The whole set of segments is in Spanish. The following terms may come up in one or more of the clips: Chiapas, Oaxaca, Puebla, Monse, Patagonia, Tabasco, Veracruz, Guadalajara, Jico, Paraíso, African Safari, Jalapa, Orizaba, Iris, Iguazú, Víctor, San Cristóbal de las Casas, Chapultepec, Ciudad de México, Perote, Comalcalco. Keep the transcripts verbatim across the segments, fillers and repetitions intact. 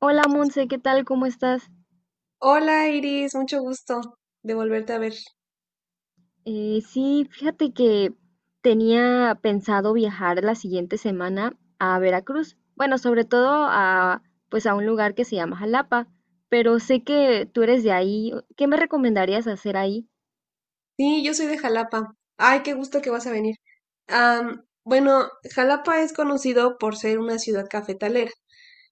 Hola Monse, ¿qué tal? ¿Cómo estás? Hola Iris, mucho gusto de volverte a ver. Eh, sí, fíjate que tenía pensado viajar la siguiente semana a Veracruz. Bueno, sobre todo a, pues a un lugar que se llama Jalapa, pero sé que tú eres de ahí. ¿Qué me recomendarías hacer ahí? Sí, yo soy de Jalapa. Ay, qué gusto que vas a venir. Am, bueno, Jalapa es conocido por ser una ciudad cafetalera.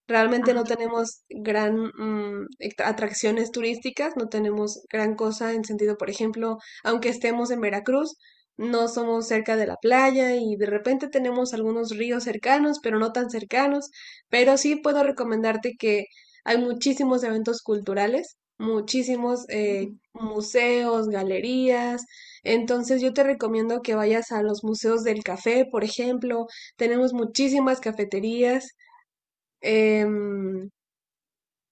Realmente Ajá. no tenemos gran mm, ect- atracciones turísticas, no tenemos gran cosa en sentido, por ejemplo, aunque estemos en Veracruz, no somos cerca de la playa y de repente tenemos algunos ríos cercanos, pero no tan cercanos. Pero sí puedo recomendarte que hay muchísimos eventos culturales, muchísimos eh, Mm. museos, galerías. Entonces yo te recomiendo que vayas a los museos del café, por ejemplo. Tenemos muchísimas cafeterías. Em,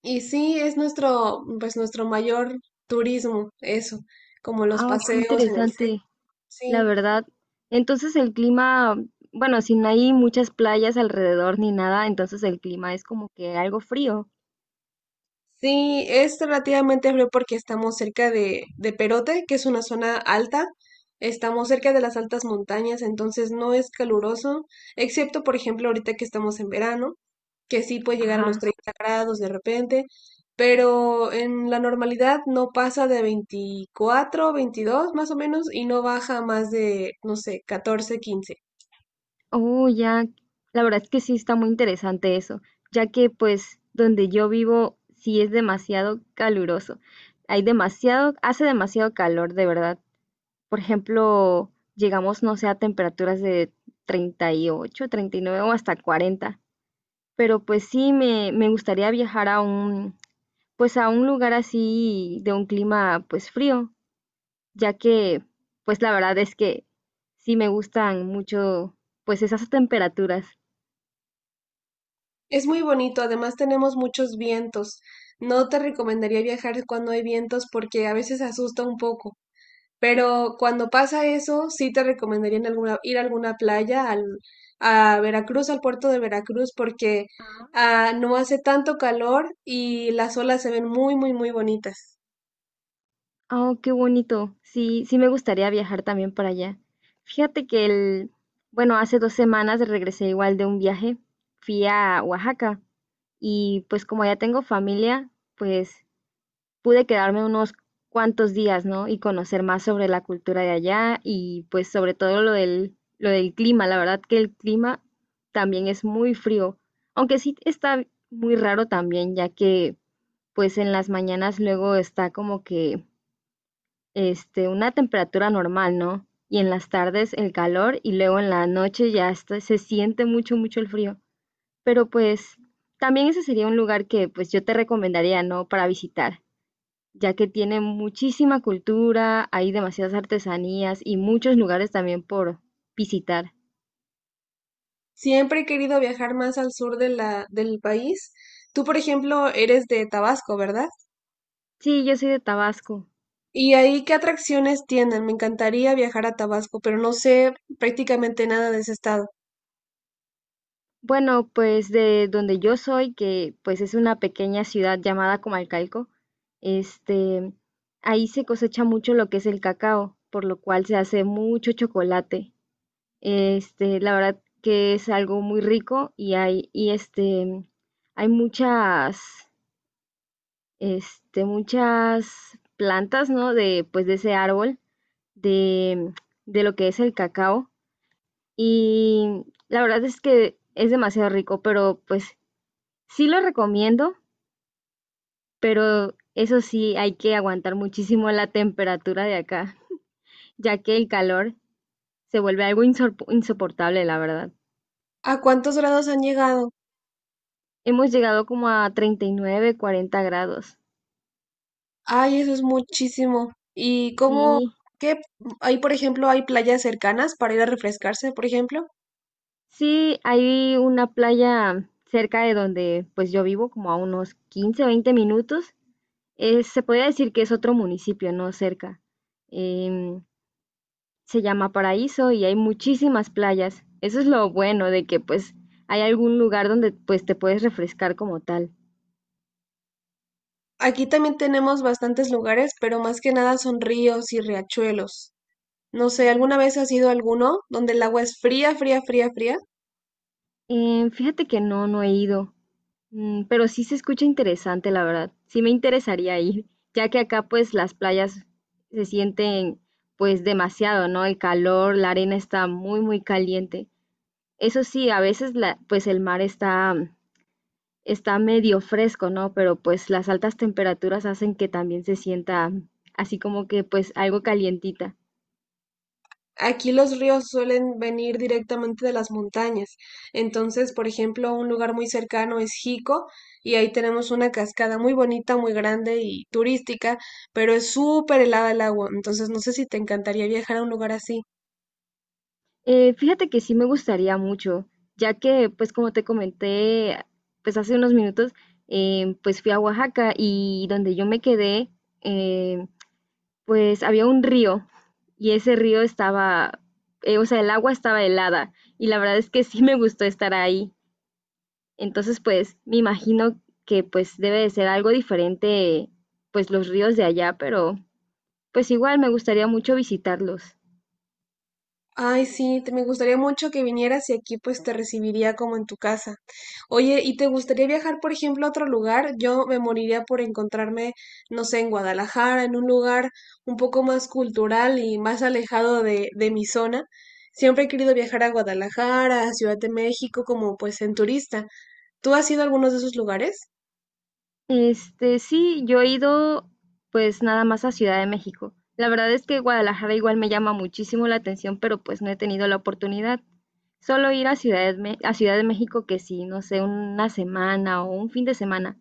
y sí, es nuestro, pues nuestro mayor turismo, eso, como los Ah, qué paseos en el. interesante, la Sí, verdad. Entonces el clima, bueno, si no hay muchas playas alrededor ni nada, entonces el clima es como que algo frío. sí, es relativamente frío porque estamos cerca de, de Perote, que es una zona alta. Estamos cerca de las altas montañas, entonces no es caluroso, excepto por ejemplo ahorita que estamos en verano, que sí puede llegar a los Ajá. treinta grados de repente, pero en la normalidad no pasa de veinticuatro, veintidós más o menos y no baja a más de, no sé, catorce, quince. Oh, ya, la verdad es que sí está muy interesante eso, ya que pues donde yo vivo sí es demasiado caluroso. Hay demasiado, hace demasiado calor, de verdad. Por ejemplo, llegamos, no sé, a temperaturas de treinta y ocho, treinta y nueve o hasta cuarenta. Pero pues sí, me, me gustaría viajar a un, pues a un lugar así de un clima pues frío, ya que pues la verdad es que sí me gustan mucho pues esas temperaturas. Es muy bonito, además tenemos muchos vientos. No te recomendaría viajar cuando hay vientos porque a veces asusta un poco, pero cuando pasa eso, sí te recomendaría en alguna- ir a alguna playa, al, a Veracruz, al puerto de Veracruz, porque ah, no hace tanto calor y las olas se ven muy, muy, muy bonitas. Oh, qué bonito. Sí, sí me gustaría viajar también para allá. Fíjate que el, bueno, hace dos semanas regresé igual de un viaje. Fui a Oaxaca y pues como ya tengo familia, pues pude quedarme unos cuantos días, ¿no? Y conocer más sobre la cultura de allá y pues sobre todo lo del, lo del clima. La verdad que el clima también es muy frío, aunque sí está muy raro también, ya que pues en las mañanas luego está como que este, una temperatura normal, ¿no? Y en las tardes el calor y luego en la noche ya está- se siente mucho, mucho el frío. Pero pues también ese sería un lugar que pues yo te recomendaría, ¿no? Para visitar, ya que tiene muchísima cultura, hay demasiadas artesanías y muchos lugares también por visitar. Siempre he querido viajar más al sur de la, del país. Tú, por ejemplo, eres de Tabasco, ¿verdad? Sí, yo soy de Tabasco. ¿Y ahí qué atracciones tienen? Me encantaría viajar a Tabasco, pero no sé prácticamente nada de ese estado. Bueno, pues de donde yo soy, que pues es una pequeña ciudad llamada Comalcalco, este, ahí se cosecha mucho lo que es el cacao, por lo cual se hace mucho chocolate. Este, la verdad que es algo muy rico y hay, y este, hay muchas, este, muchas plantas, ¿no? De, pues de ese árbol, de, de lo que es el cacao. Y la verdad es que es demasiado rico, pero pues sí lo recomiendo, pero eso sí, hay que aguantar muchísimo la temperatura de acá, ya que el calor se vuelve algo insor- insoportable, la verdad. ¿A cuántos grados han llegado? Hemos llegado como a treinta y nueve, cuarenta grados. Ay, eso es muchísimo. ¿Y cómo, Sí, qué, ahí por ejemplo, hay playas cercanas para ir a refrescarse, por ejemplo? sí, hay una playa cerca de donde pues yo vivo, como a unos quince, veinte minutos. Eh, se podría decir que es otro municipio, no cerca. Em, se llama Paraíso y hay muchísimas playas. Eso es lo bueno de que pues hay algún lugar donde pues te puedes refrescar como tal. Aquí también tenemos bastantes lugares, pero más que nada son ríos y riachuelos. No sé, ¿alguna vez has ido a alguno donde el agua es fría, fría, fría, fría? Eh, fíjate que no, no he ido. Mm, pero sí se escucha interesante, la verdad. Sí me interesaría ir, ya que acá pues las playas se sienten pues demasiado, ¿no? El calor, la arena está muy, muy caliente. Eso sí, a veces la, pues el mar está está medio fresco, ¿no? Pero pues las altas temperaturas hacen que también se sienta así como que pues algo calientita. Aquí los ríos suelen venir directamente de las montañas. Entonces, por ejemplo, un lugar muy cercano es Jico y ahí tenemos una cascada muy bonita, muy grande y turística, pero es súper helada el agua. Entonces, no sé si te encantaría viajar a un lugar así. Eh, fíjate que sí me gustaría mucho, ya que pues como te comenté pues hace unos minutos, eh, pues fui a Oaxaca y donde yo me quedé, eh, pues había un río y ese río estaba, eh, o sea, el agua estaba helada y la verdad es que sí me gustó estar ahí. Entonces, pues me imagino que pues debe de ser algo diferente, pues los ríos de allá, pero pues igual me gustaría mucho visitarlos. Ay, sí, te, me gustaría mucho que vinieras y aquí pues te recibiría como en tu casa. Oye, ¿y te gustaría viajar, por ejemplo, a otro lugar? Yo me moriría por encontrarme, no sé, en Guadalajara, en un lugar un poco más cultural y más alejado de, de mi zona. Siempre he querido viajar a Guadalajara, a Ciudad de México, como pues en turista. ¿Tú has ido a algunos de esos lugares? Este, sí, yo he ido pues nada más a Ciudad de México. La verdad es que Guadalajara igual me llama muchísimo la atención, pero pues no he tenido la oportunidad. Solo ir a Ciudad de, Me- a Ciudad de México que sí, no sé, una semana o un fin de semana.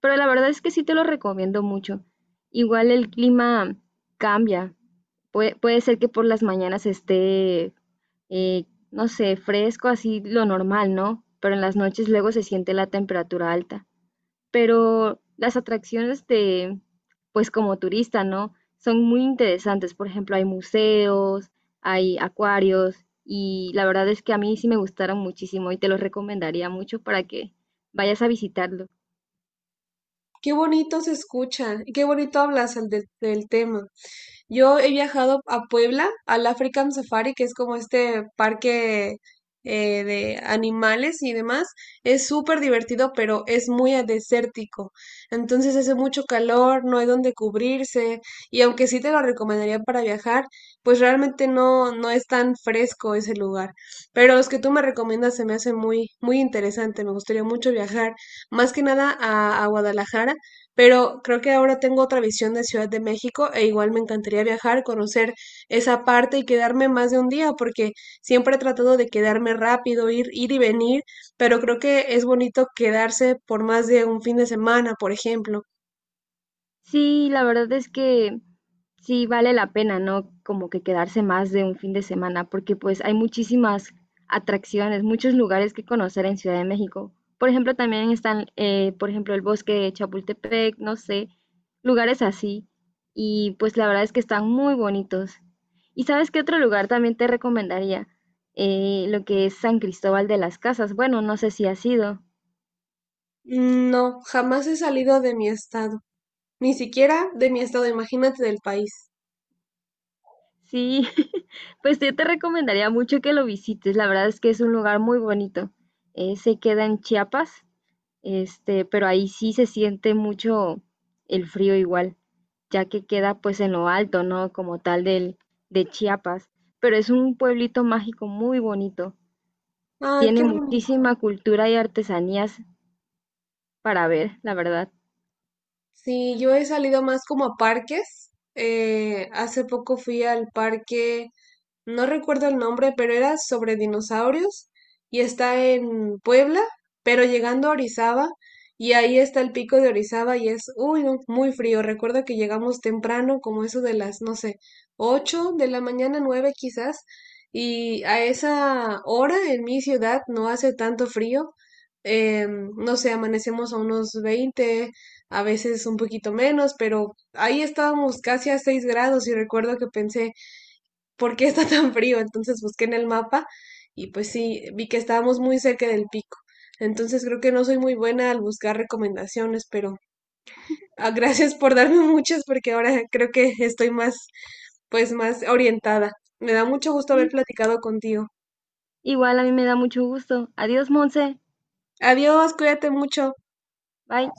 Pero la verdad es que sí te lo recomiendo mucho. Igual el clima cambia. Puede, puede ser que por las mañanas esté, eh, no sé, fresco, así lo normal, ¿no? Pero en las noches luego se siente la temperatura alta. Pero las atracciones de, pues como turista, ¿no? Son muy interesantes. Por ejemplo, hay museos, hay acuarios y la verdad es que a mí sí me gustaron muchísimo y te los recomendaría mucho para que vayas a visitarlo. Qué bonito se escucha, y qué bonito hablas al de- del tema. Yo he viajado a Puebla, al African Safari, que es como este parque, eh, de animales y demás. Es súper divertido, pero es muy desértico. Entonces hace mucho calor, no hay donde cubrirse. Y aunque sí te lo recomendaría para viajar, pues realmente no, no es tan fresco ese lugar. Pero los que tú me recomiendas se me hace muy, muy interesante. Me gustaría mucho viajar más que nada a, a Guadalajara, pero creo que ahora tengo otra visión de Ciudad de México e igual me encantaría viajar, conocer esa parte y quedarme más de un día, porque siempre he tratado de quedarme rápido, ir, ir y venir, pero creo que es bonito quedarse por más de un fin de semana, por ejemplo. Sí, la verdad es que sí vale la pena, ¿no? Como que quedarse más de un fin de semana, porque pues hay muchísimas atracciones, muchos lugares que conocer en Ciudad de México. Por ejemplo, también están, eh, por ejemplo, el bosque de Chapultepec, no sé, lugares así. Y pues la verdad es que están muy bonitos. ¿Y sabes qué otro lugar también te recomendaría? Eh, lo que es San Cristóbal de las Casas. Bueno, no sé si has ido. No, jamás he salido de mi estado, ni siquiera de mi estado, imagínate del país. Sí, pues yo te recomendaría mucho que lo visites. La verdad es que es un lugar muy bonito. Eh, se queda en Chiapas, este, pero ahí sí se siente mucho el frío igual, ya que queda pues en lo alto, ¿no? Como tal del, de Chiapas. Pero es un pueblito mágico muy bonito. Ay, Tiene qué bonito. muchísima cultura y artesanías para ver, la verdad. Sí, yo he salido más como a parques. Eh, hace poco fui al parque, no recuerdo el nombre, pero era sobre dinosaurios y está en Puebla, pero llegando a Orizaba y ahí está el pico de Orizaba y es uy, no, muy frío. Recuerdo que llegamos temprano, como eso de las, no sé, ocho de la mañana, nueve quizás, y a esa hora en mi ciudad no hace tanto frío. eh, no sé, amanecemos a unos veinte, a veces un poquito menos, pero ahí estábamos casi a seis grados y recuerdo que pensé, por qué está tan frío. Entonces busqué en el mapa y pues sí, vi que estábamos muy cerca del pico. Entonces creo que no soy muy buena al buscar recomendaciones, pero ah, gracias por darme muchas porque ahora creo que estoy más, pues más orientada. Me da mucho gusto haber Sí, platicado contigo. igual a mí me da mucho gusto. Adiós, Monse. Adiós, cuídate mucho. Bye.